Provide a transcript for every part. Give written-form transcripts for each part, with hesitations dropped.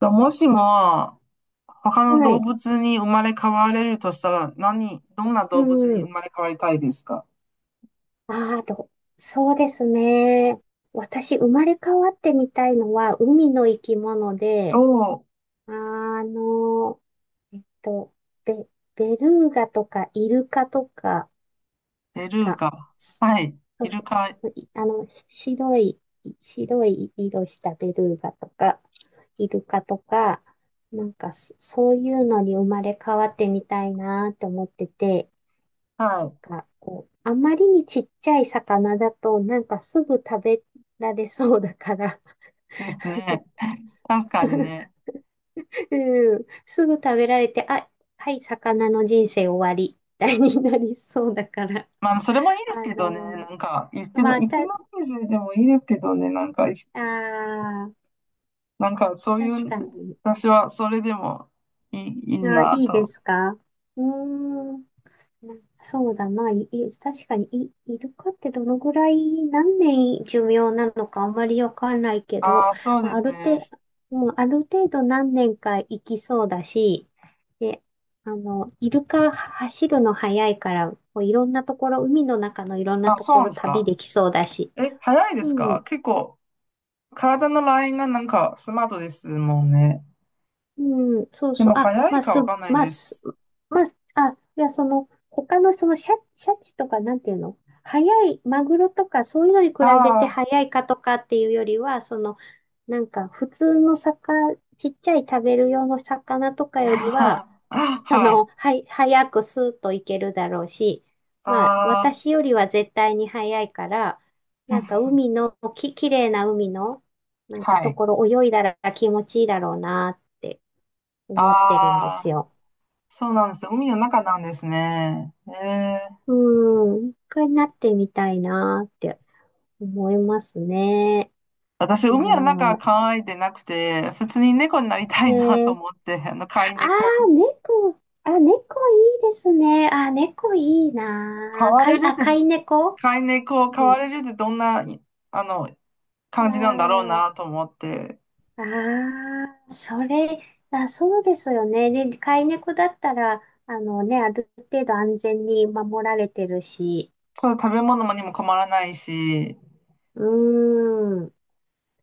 ともしも、他のは動い。物に生まれ変われるとしたら、どんなう動物に生ん。まれ変わりたいですか？ああ、と、そうですね。私、生まれ変わってみたいのは、海の生き物おで、ー、あの、えっと、ベ、ベルーガとかイルカとかベルーが、ガ。はい。そイうルそう、カ。そういあの、し白い、白い色したベルーガとか、イルカとか、なんか、そういうのに生まれ変わってみたいなと思ってて、はなんい。か、こう、あまりにちっちゃい魚だと、なんかすぐ食べられそうだから、ですね。確かにね。うん、すぐ食べられて、あ、はい、魚の人生終わり、みたいになりそうだから、まあ、それもいいで すあけどね。のなんか、まあ、生きた、の種類でもいいですけどね。あーなんか、そうい確う、かに。私はそれでもいいいあー、ないいでと。すか？うーん。なそうだな、確かにイルカってどのぐらい、何年寿命なのかあまりわかんないけど、ああ、そうまであ、あするね。程度、もうある程度何年か生きそうだし、で、あの、イルカは走るの早いから、こういろんなところ、海の中のいろんなあ、とそうこなんろです旅か。できそうだし、え、早いですうかん、結構。体のラインがなんかスマートですもんね。うん、そうでそう。もあ、早まいあ、かす、わかんないまあ、です、す。まあ、あ、いや、その、他のそのシャチとか、なんていうの？早い、マグロとか、そういうのに比べてあ早いかとかっていうよりは、その、なんか、普通の魚、ちっちゃい食べる用の魚とかよりは、あ、そはい。の、はい、早くスーッといけるだろうし、まあ、ああ、私よりは絶対に早いから、うなんんか、海の、き、綺麗な海の、なんか、はとい。ころ泳いだら気持ちいいだろうなって。思ってるんですああ、よ。そうなんです海の中なんですね。ええ。うん。一回なってみたいなって思いますね。私、いや海の中ー。考えてなくて、普通に猫になりたえいなとー、思って、飼いあ猫。ー、猫。あ、猫いいですね。あ、猫いい飼なー。われるって、飼い猫？飼い猫、飼うわん。れるってどんな、あの、あ感じなんだろうー、なと思って。ああそれ、あ、そうですよね。で、飼い猫だったら、あのね、ある程度安全に守られてるし。そう、食べ物もにも困らないし、うーん。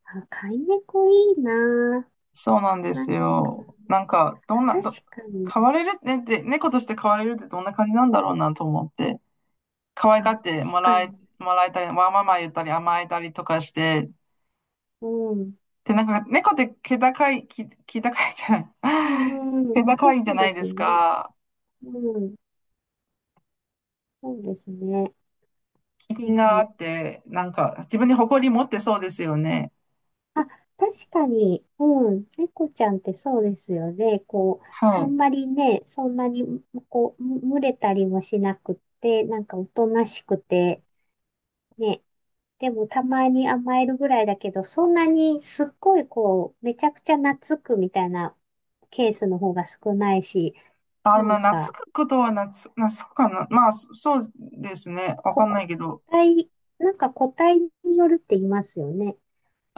あ、飼い猫いいなそうなんでー。なすんかよ。なんか、どんな、確ど、かに。飼われるねって、猫として飼われるってどんな感じなんだろうなと思って、可愛があ、って確もからえ、に。もらえたり、わーまま言ったり甘えたりとかして、うん。で、なんか、猫って気高いじゃうない、ん、うん、気高そいじゃうなでいですすね。か。うん、そうですね。気う品があん、って、なんか、自分に誇り持ってそうですよね。あ、確かに、うん、猫ちゃんってそうですよね。こはう、あい。んまりね、そんなに、こう、群れたりもしなくって、なんかおとなしくて、ね。でもたまに甘えるぐらいだけど、そんなにすっごいこう、めちゃくちゃ懐くみたいなケースの方が少ないし、あ、なまんあ、か、懐くことは懐、懐くかな。まあ、そうですね。わかこ、んなこいけ個ど。体、なんか個体によるって言いますよね。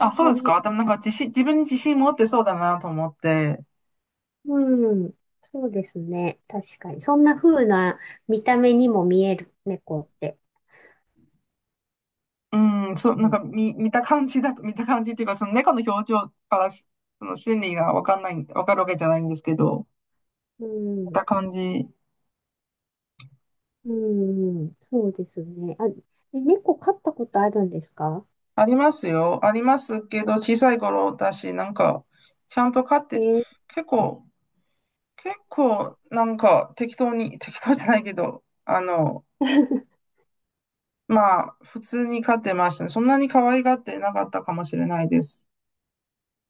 あんそうまですり、か。でもなんか自分に自信持ってそうだなと思って。うん、そうですね。確かに。そんな風な見た目にも見える、猫って。うん、そう、うん、見た感じだと、見た感じっていうか、その猫の表情からし、その心理がわかんない、わかるわけじゃないんですけど、う見ん、た感じ。うん、そうですね。あ、え、猫飼ったことあるんですか？ありますよ。ありますけど、小さい頃だし、なんか、ちゃんと飼っえて、ー 結構、結構、なんか、適当じゃないけど、まあ、普通に飼ってましたね。そんなに可愛がってなかったかもしれないです。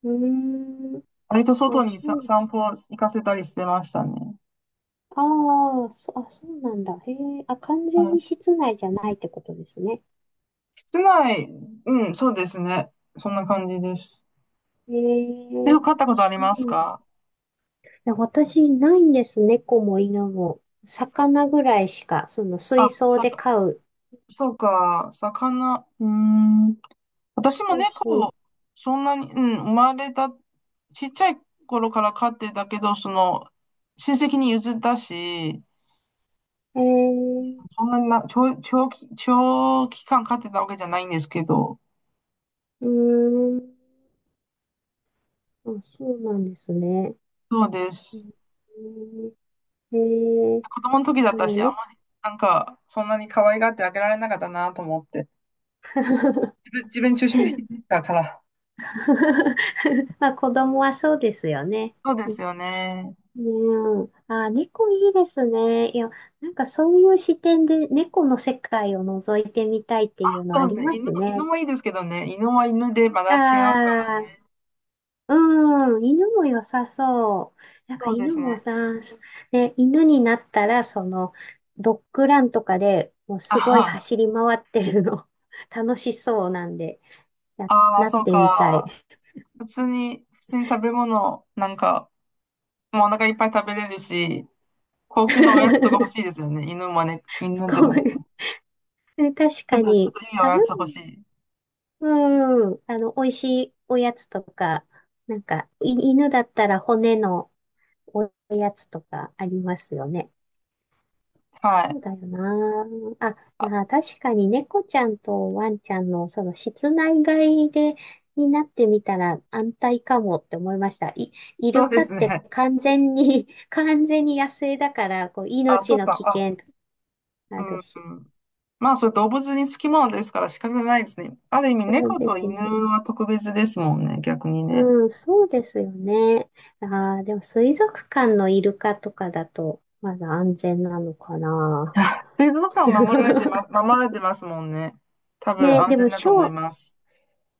うーん、割と外あ、にさ、そう、散歩行かせたりしてましたね。ああ、そ、あ、そうなんだ。へえ、あ、完は全い。に室内じゃないってことですね。室内、うん、そうですね。そんな感じです。へで、え、飼ったことありそますうか？で私、ないんです。猫も犬も。魚ぐらいしか、そのあ、水槽さでか、飼う。そうか、魚、うーん。私もそうそう。猫、そんなに、うん、生まれた、ちっちゃい頃から飼ってたけど、その、親戚に譲ったし、えー、そんなにな、長、長期、長期間飼ってたわけじゃないんですけど、うーん。あ、そうなんですね。そうでうす。ん、えー、子供の時だっでたもし、あんまね。りなんか、そんなに可愛がってあげられなかったなと思って。自分中心的だから。まあ、子供はそうですよね。そうですよね。うん。あ、猫いいですね。いや、なんかそういう視点で猫の世界を覗いてみたいっていうのそあうでりすね。ます犬ね。もいいですけどね。犬は犬でまだあ違うからあ、ね。うん、犬も良さそう。なんかそうで犬すもね。さ、ね、犬になったら、その、ドッグランとかでもうあすごいは。走り回ってるの、楽しそうなんで、ああ、なっそうてみたい。か。普通に食べ物、なんか、もうお腹いっぱい食べれるし、高級なおやつとか欲しいで すよね。犬もね、犬でもこね。ういう確かちょっに、といいお食やべつ欲しい。物、うん、あの、美味しいおやつとか、なんか、犬だったら骨のおやつとかありますよね。はそうい。だよな。あ、あ、あ、確かに猫ちゃんとワンちゃんのその室内飼いでになってみたら安泰かもって思いました。イそルうでカっすてね。完全に 完全に野生だから、こうあ、そ命うの危か。険うあるし。ん。まあ、それ動物につきものですから仕方ないですね。ある意味、そう猫でとす犬ね。は特別ですもんね、逆にね。うん、そうですよね。ああ、でも水族館のイルカとかだとまだ安全なのかな。水族館を守られてま、守られてますもんね。多分ね、安で全もだとショ思いー、ます。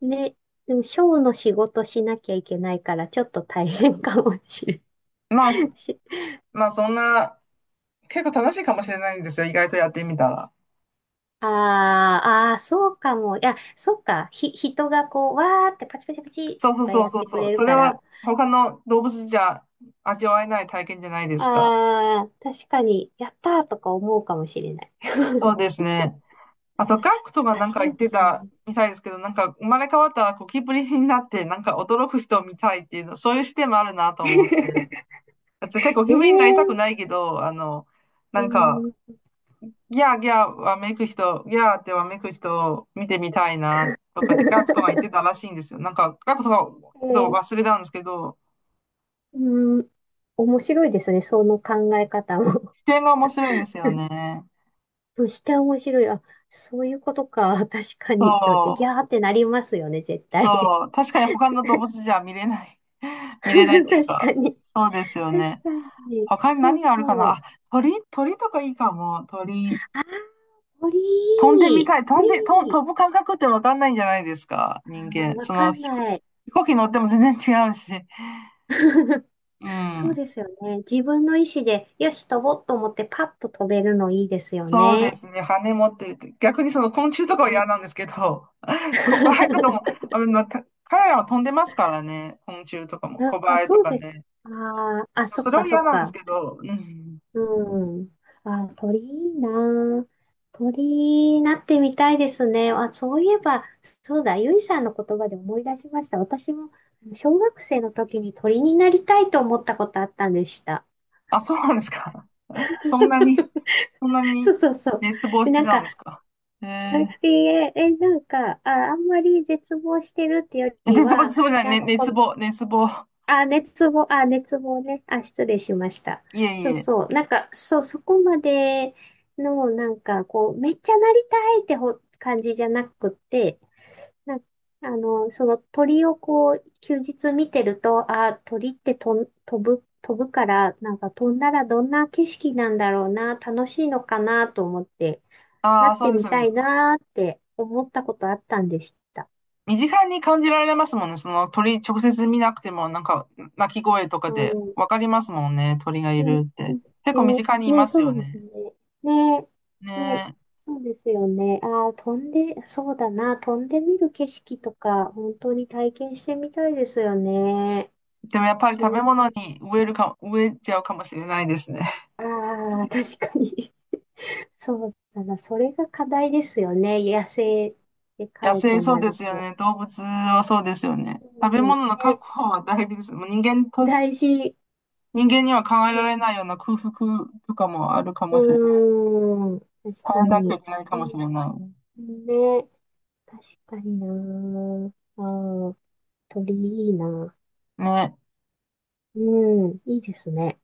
ね、でも、ショーの仕事しなきゃいけないから、ちょっと大変かもしれまあ、すん。しまあ、そんな、結構楽しいかもしれないんですよ、意外とやってみたら。あーあー、そうかも。いや、そっか。人がこう、わーってパチパチパチそうそとうかそうやっそうてくそう。れるそれかはら、他の動物じゃ味わえない体験じゃないですか。ああ、確かに、やったーとか思うかもしれない。そうですね。あと、ガクトがあ、なんかそ言うっでてすね。たみたいですけど、なんか生まれ変わったらゴキブリになって、なんか驚く人を見たいっていうの、そういう視点もあるなと思って。絶対ゴキブリになりたくええ、ないけど、うなーんか、うん。ギャーってわめく人を見てみたいなとかってガクトが言ってたら しいんですよ。なんか、ガクトがちょえっとー、忘れたんですけど、うん、面白いですね、その考え方も。視点が面白いですよね。そして面白い。あ、そういうことか。確かそに。だって、ギう、ャーってなりますよね、絶対。そう。確かに他の動物じゃ見れない。見れないっ ていう確かか、に。そうですよ確ね。かに。他にそう何があるかそなう。あ、鳥とかいいかも。鳥、あー、飛んでみ鳥。たい。飛鳥。んで、と飛ぶ感覚ってわかんないんじゃないですか、人あー、間。わかんない。飛行機乗っても全然違うし。うそうん。ですよね。自分の意思で、よし、飛ぼうと思ってパッと飛べるのいいですよそうでね。すね。羽持ってるって。逆にその昆虫とかはうん。 嫌なんですけど、コバエとかも、あの、また彼らは飛んでますからね。昆虫とかも、コあ、バエとそうかです。ね。あーあ、そっそれかはそ嫌っなんですか。けど、うん。うん。あ、鳥いいな。鳥になってみたいですね。あ、そういえば、そうだ、ゆいさんの言葉で思い出しました。私も小学生の時に鳥になりたいと思ったことあったんでした。あ、そうなんですか。そんなに、そんなそうにそうそう。熱望で、してなんたんか、ですか？ええーーえなんか、あ、あんまり絶望してるってよりは、絶望じゃない、なんね、かこ熱望。あ、熱望、あ、熱望ね。あ、失礼しました。いえそういえ。そう。なんか、そう、そこまでの、なんか、こう、めっちゃなりたいって感じじゃなくって、なんあの、その鳥をこう、休日見てると、あ、鳥って飛ぶ、飛ぶから、なんか飛んだらどんな景色なんだろうな、楽しいのかなと思って、なああ、っそてうですみよたね。いなって思ったことあったんでした。身近に感じられますもんね。その鳥、直接見なくても、なんか、鳴き声とかうでん、わかりますもんね。鳥がいうん、るって。結構身ね、近にいね、ますそようですね。ね。ね、ね、ねそうですよね。ああ、飛んで、そうだな、飛んでみる景色とか、本当に体験してみたいですよね。え。でもやっぱり気食持べちい物い。に植えちゃうかもしれないですね。ああ、確かに。そうだな、それが課題ですよね。野生で野飼う生とそうなでるすよと。ね。動物はそうですよね。食べうん、物のね、確保は大事です。もう大事。人間には考えらね、れないような空腹とかもあるかもしれない。うーん、確耐かえなきゃに。いけないかうもしれない。ん、ね、確かにな。あー、鳥いいな。ね、うん、いいですね。